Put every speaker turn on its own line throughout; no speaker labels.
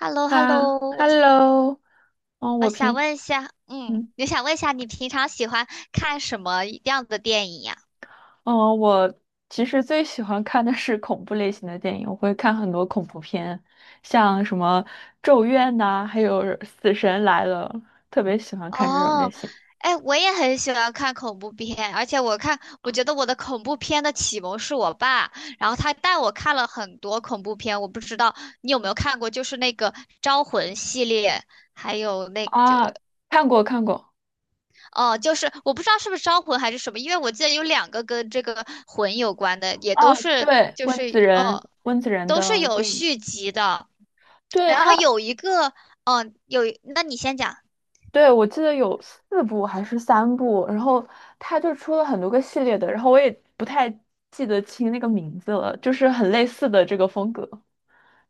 h e l l o h e l l
啊
o 我
，Hello，嗯，
我
我
想
平，
问一下，
嗯，
我想问一下，你平常喜欢看什么样的电影呀？
嗯，我其实最喜欢看的是恐怖类型的电影，我会看很多恐怖片，像什么《咒怨》呐，还有《死神来了》，特别喜欢看这种类
哦，
型。
哎，我也很喜欢看恐怖片，而且我觉得我的恐怖片的启蒙是我爸，然后他带我看了很多恐怖片。我不知道你有没有看过，就是那个《招魂》系列，还有那个。
啊，看过看过。
哦，就是我不知道是不是招魂还是什么，因为我记得有两个跟这个魂有关的，也都
啊，
是
对，温子仁，
哦，
温子仁
都是
的
有
电影。
续集的。
对。
然后
他。
有一个，那你先讲。
对，我记得有四部还是三部，然后它就出了很多个系列的，然后我也不太记得清那个名字了，就是很类似的这个风格。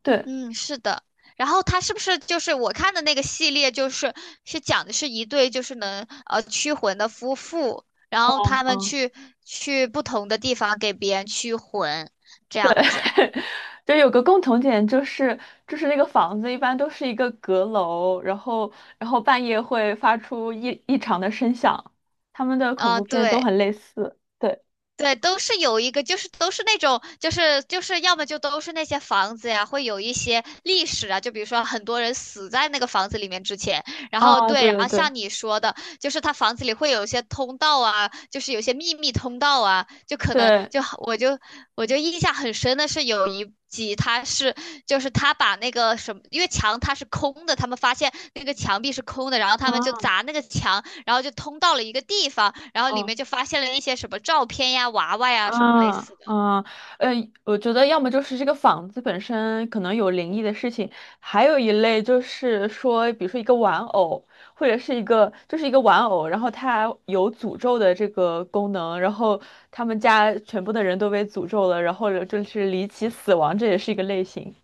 对。
嗯，是的。然后它是不是就是我看的那个系列，就是是讲的是一对就是能驱魂的夫妇，然后
哦
他们
哦，
去不同的地方给别人驱魂，这样子。
就有个共同点，就是那个房子一般都是一个阁楼，然后半夜会发出异常的声响，他们的恐
嗯、
怖片都
对。
很类似。对，
对，都是有一个，就是都是那种，就是要么就都是那些房子呀，会有一些历史啊，就比如说很多人死在那个房子里面之前，然后
啊，
对，
对
然
对
后
对，
像你说的，就是他房子里会有一些通道啊，就是有些秘密通道啊，就可能
对。
就我就我就印象很深的是有一集就是他把那个什么，因为墙它是空的，他们发现那个墙壁是空的，然后他们就
啊
砸那个墙，然后就通到了一个地方，然后里
嗯。
面就发现了一些什么照片呀、娃娃呀什么类
啊
似的。
啊，呃，我觉得要么就是这个房子本身可能有灵异的事情，还有一类就是说，比如说一个玩偶，或者是一个玩偶，然后它有诅咒的这个功能，然后他们家全部的人都被诅咒了，然后就是离奇死亡，这也是一个类型，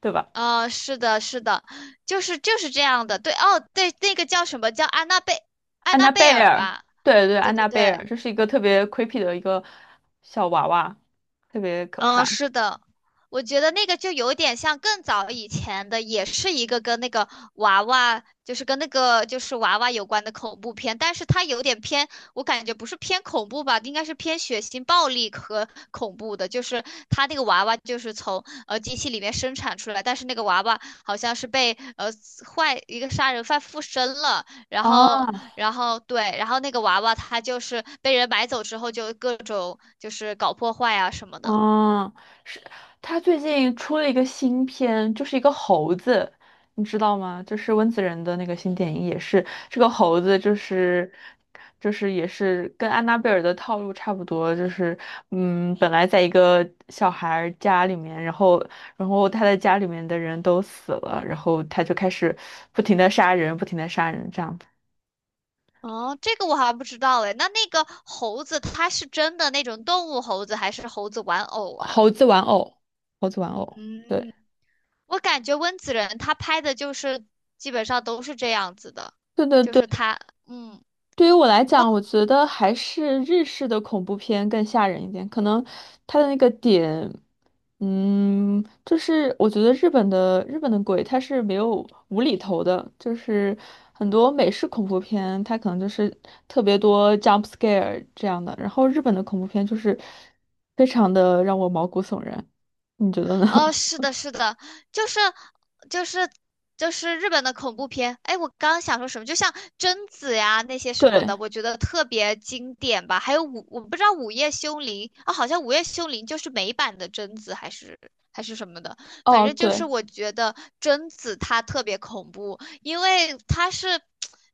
对吧？
是的，就是这样的。对，哦，对，那个叫什么叫安
安
娜
娜
贝
贝
尔
尔，
吧？
对对，
对
安
对
娜贝
对。
尔，这是一个特别 creepy 的一个小娃娃，特别可
嗯，
怕。
是的，我觉得那个就有点像更早以前的，也是一个跟那个娃娃，就是跟那个就是娃娃有关的恐怖片，但是它有点偏，我感觉不是偏恐怖吧，应该是偏血腥、暴力和恐怖的。就是它那个娃娃就是从机器里面生产出来，但是那个娃娃好像是被一个杀人犯附身了，然后
啊。
然后对，然后那个娃娃他就是被人买走之后就各种就是搞破坏啊什么的。
嗯，是他最近出了一个新片，就是一个猴子，你知道吗？就是温子仁的那个新电影，也是这个猴子，就是也是跟安娜贝尔的套路差不多，就是嗯，本来在一个小孩儿家里面，然后他的家里面的人都死了，然后他就开始不停的杀人，不停的杀人，这样子。
哦，这个我好像不知道哎。那那个猴子，它是真的那种动物猴子，还是猴子玩偶啊？
猴子玩偶，猴子玩偶。对
嗯，我感觉温子仁他拍的就是基本上都是这样子的，
对对
就是
对。
他，嗯。
对于我来讲，我觉得还是日式的恐怖片更吓人一点。可能它的那个点，嗯，就是我觉得日本的鬼它是没有无厘头的，就是很多美式恐怖片它可能就是特别多 jump scare 这样的，然后日本的恐怖片就是非常的让我毛骨悚然。你觉得呢？
哦，是 的，就是就是就是日本的恐怖片。哎，我刚刚想说什么，就像贞子呀那些什么
对，
的，我觉得特别经典吧。还有我不知道午夜凶铃啊，好像午夜凶铃就是美版的贞子，还是什么的。反
哦，
正就
对
是我觉得贞子她特别恐怖，因为她是。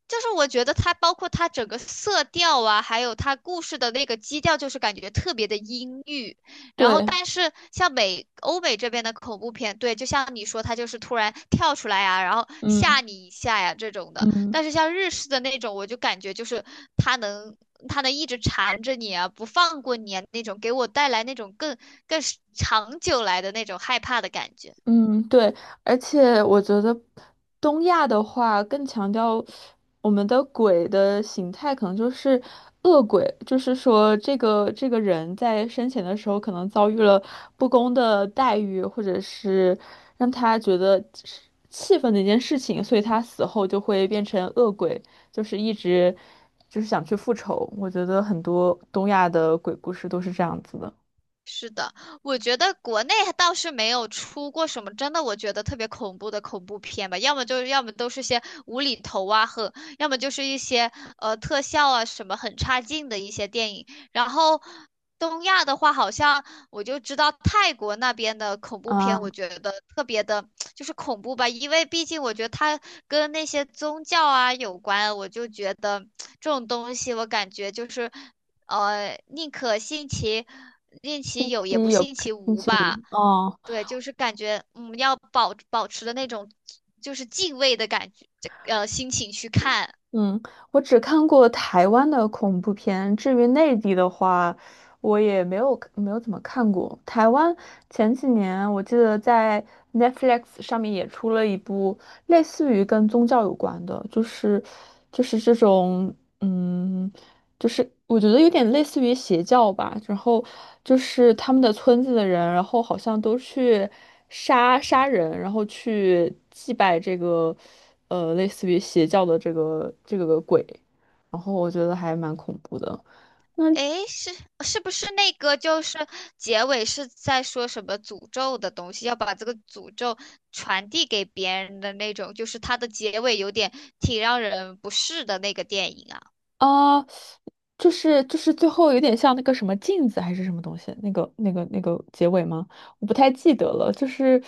就是我觉得它包括她整个色调啊，还有她故事的那个基调，就是感觉特别的阴郁。然后，
对，
但是像欧美这边的恐怖片，对，就像你说，他就是突然跳出来呀、然后吓
嗯
你一下呀这种的。
嗯。
但是像日式的那种，我就感觉就是他能他能一直缠着你啊，不放过你啊那种，给我带来那种更长久来的那种害怕的感觉。
嗯，对，而且我觉得东亚的话更强调我们的鬼的形态，可能就是恶鬼，就是说这个人在生前的时候可能遭遇了不公的待遇，或者是让他觉得是气愤的一件事情，所以他死后就会变成恶鬼，就是一直就是想去复仇。我觉得很多东亚的鬼故事都是这样子的。
是的，我觉得国内倒是没有出过什么真的我觉得特别恐怖的恐怖片吧，要么都是些无厘头啊，和要么就是一些特效啊什么很差劲的一些电影。然后东亚的话，好像我就知道泰国那边的恐怖片，我
啊。
觉得特别的恐怖吧，因为毕竟我觉得它跟那些宗教啊有关，我就觉得这种东西我感觉就是。呃，宁可信其
星
有，也
期
不
有
信其
星
无
期五，
吧。
嗯
对，就是感觉嗯，要保持的那种就是敬畏的感觉，呃心情去看。
嗯，我只看过台湾的恐怖片，至于内地的话，我也没有怎么看过。台湾前几年我记得在 Netflix 上面也出了一部类似于跟宗教有关的，就是就是这种。嗯。就是我觉得有点类似于邪教吧，然后就是他们的村子的人，然后好像都去杀人，然后去祭拜这个，呃，类似于邪教的这个鬼，然后我觉得还蛮恐怖的。那
诶，是不是那个就是结尾是在说什么诅咒的东西，要把这个诅咒传递给别人的那种，就是它的结尾有点挺让人不适的那个电影啊。
啊、呃就是就是最后有点像那个什么镜子还是什么东西，那个结尾吗？我不太记得了，就是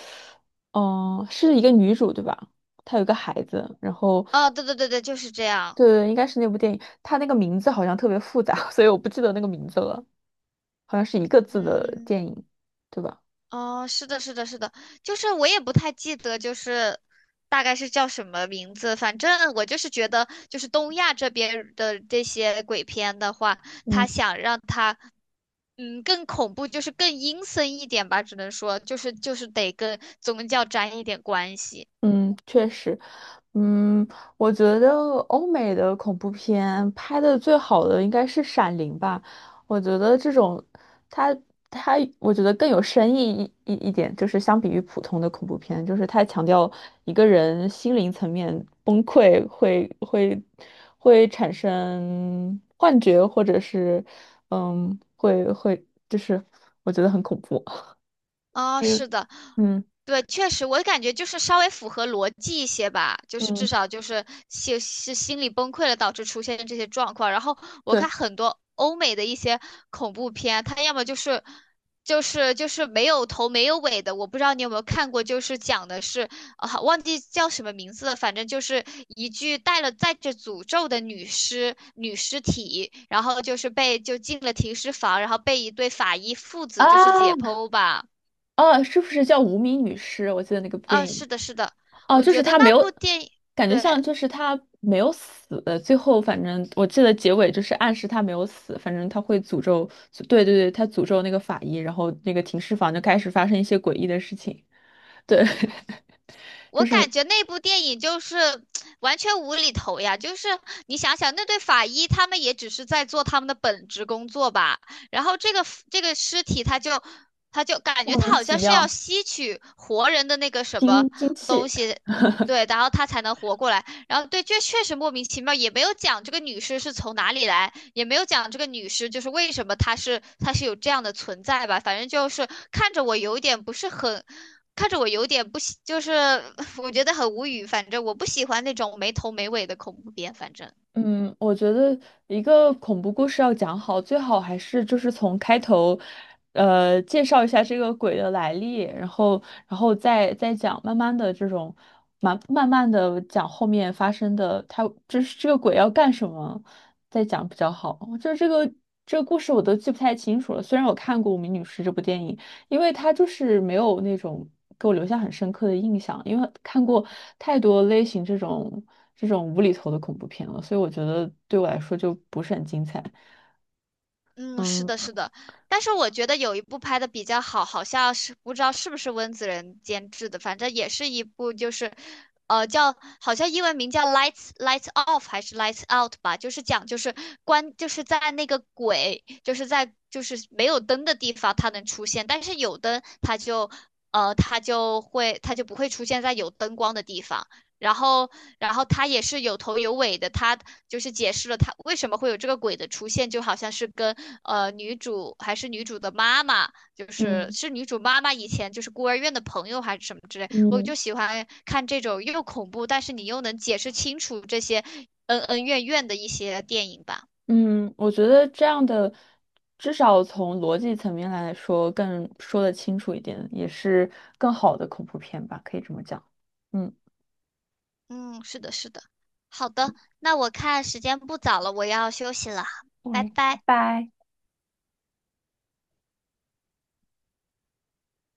是一个女主对吧？她有一个孩子，然后。
哦，对对对对，就是这样。
对，对，应该是那部电影，它那个名字好像特别复杂，所以我不记得那个名字了，好像是一个字的
嗯。
电影，对吧？
哦，是的，是的，是的，就是我也不太记得，就是大概是叫什么名字。反正我就是觉得，就是东亚这边的这些鬼片的话，他
嗯，
想让它嗯更恐怖，就是更阴森一点吧，只能说就是得跟宗教沾一点关系。
嗯，确实。嗯，我觉得欧美的恐怖片拍的最好的应该是《闪灵》吧。我觉得这种，它它，我觉得更有深意一点，就是相比于普通的恐怖片，就是它强调一个人心灵层面崩溃会产生幻觉，或者是嗯，会就是我觉得很恐怖。
啊，
因为
是的，
嗯
对，确实，我感觉就是稍微符合逻辑一些吧，就是至
嗯，
少就是心理崩溃了导致出现这些状况。然后我
对
看很多欧美的一些恐怖片，它要么就是没有头没有尾的，我不知道你有没有看过，就是讲的是啊忘记叫什么名字了，反正就是一具带着诅咒的女尸体，然后就是被就进了停尸房，然后被一对法医父子就是解
啊。
剖吧。
哦，是不是叫《无名女尸》？我记得那个部电
啊，是
影。
的，是的，
哦，
我
就是
觉得
她没
那部
有，
电影，
感觉
对，
像就是她没有死，最后反正我记得结尾就是暗示她没有死，反正她会诅咒。对对对，她诅咒那个法医，然后那个停尸房就开始发生一些诡异的事情。对，就
我
是
感觉那部电影就是 完全无厘头呀，就是你想想，那对法医他们也只是在做他们的本职工作吧，然后这个尸体他就感觉
莫
他
名
好
其
像是
妙，
要吸取活人的那个什么
惊惊
东
气，
西，对，然后他才能活过来，然后对，这确实莫名其妙，也没有讲这个女尸是从哪里来，也没有讲这个女尸就是为什么她是有这样的存在吧，反正就是看着我有一点不是很。看着我有点不喜，就是 我觉得很无语。反正我不喜欢那种没头没尾的恐怖片。反正，
嗯，我觉得一个恐怖故事要讲好，最好还是就是从开头，呃，介绍一下这个鬼的来历，然后，然后再讲，慢慢的这种，慢慢的讲后面发生的，他这是这个鬼要干什么，再讲比较好。就是这个故事我都记不太清楚了，虽然我看过《无名女尸》这部电影，因为它就是没有那种给我留下很深刻的印象，因为看过太多类型这种无厘头的恐怖片了，所以我觉得对我来说就不是很精彩。
嗯，是
嗯
的，是的。但是我觉得有一部拍的比较好，好像是不知道是不是温子仁监制的，反正也是一部就是，呃，叫好像英文名叫《Lights Off》还是《Lights Out》吧，就是在那个鬼就是在就是没有灯的地方它能出现，但是有灯它就。呃，它就会，它就不会出现在有灯光的地方。然后，然后他也是有头有尾的，他就是解释了他为什么会有这个鬼的出现，就好像是跟呃女主还是女主的妈妈，
嗯
是女主妈妈以前就是孤儿院的朋友还是什么之类，我就
嗯
喜欢看这种又恐怖，但是你又能解释清楚这些恩恩怨怨的一些电影吧。
嗯，我觉得这样的至少从逻辑层面来说更说得清楚一点，也是更好的恐怖片吧，可以这么讲。嗯，
嗯，是的，是的。好的，那我看时间不早了，我要休息了，拜
喂，拜
拜。
拜。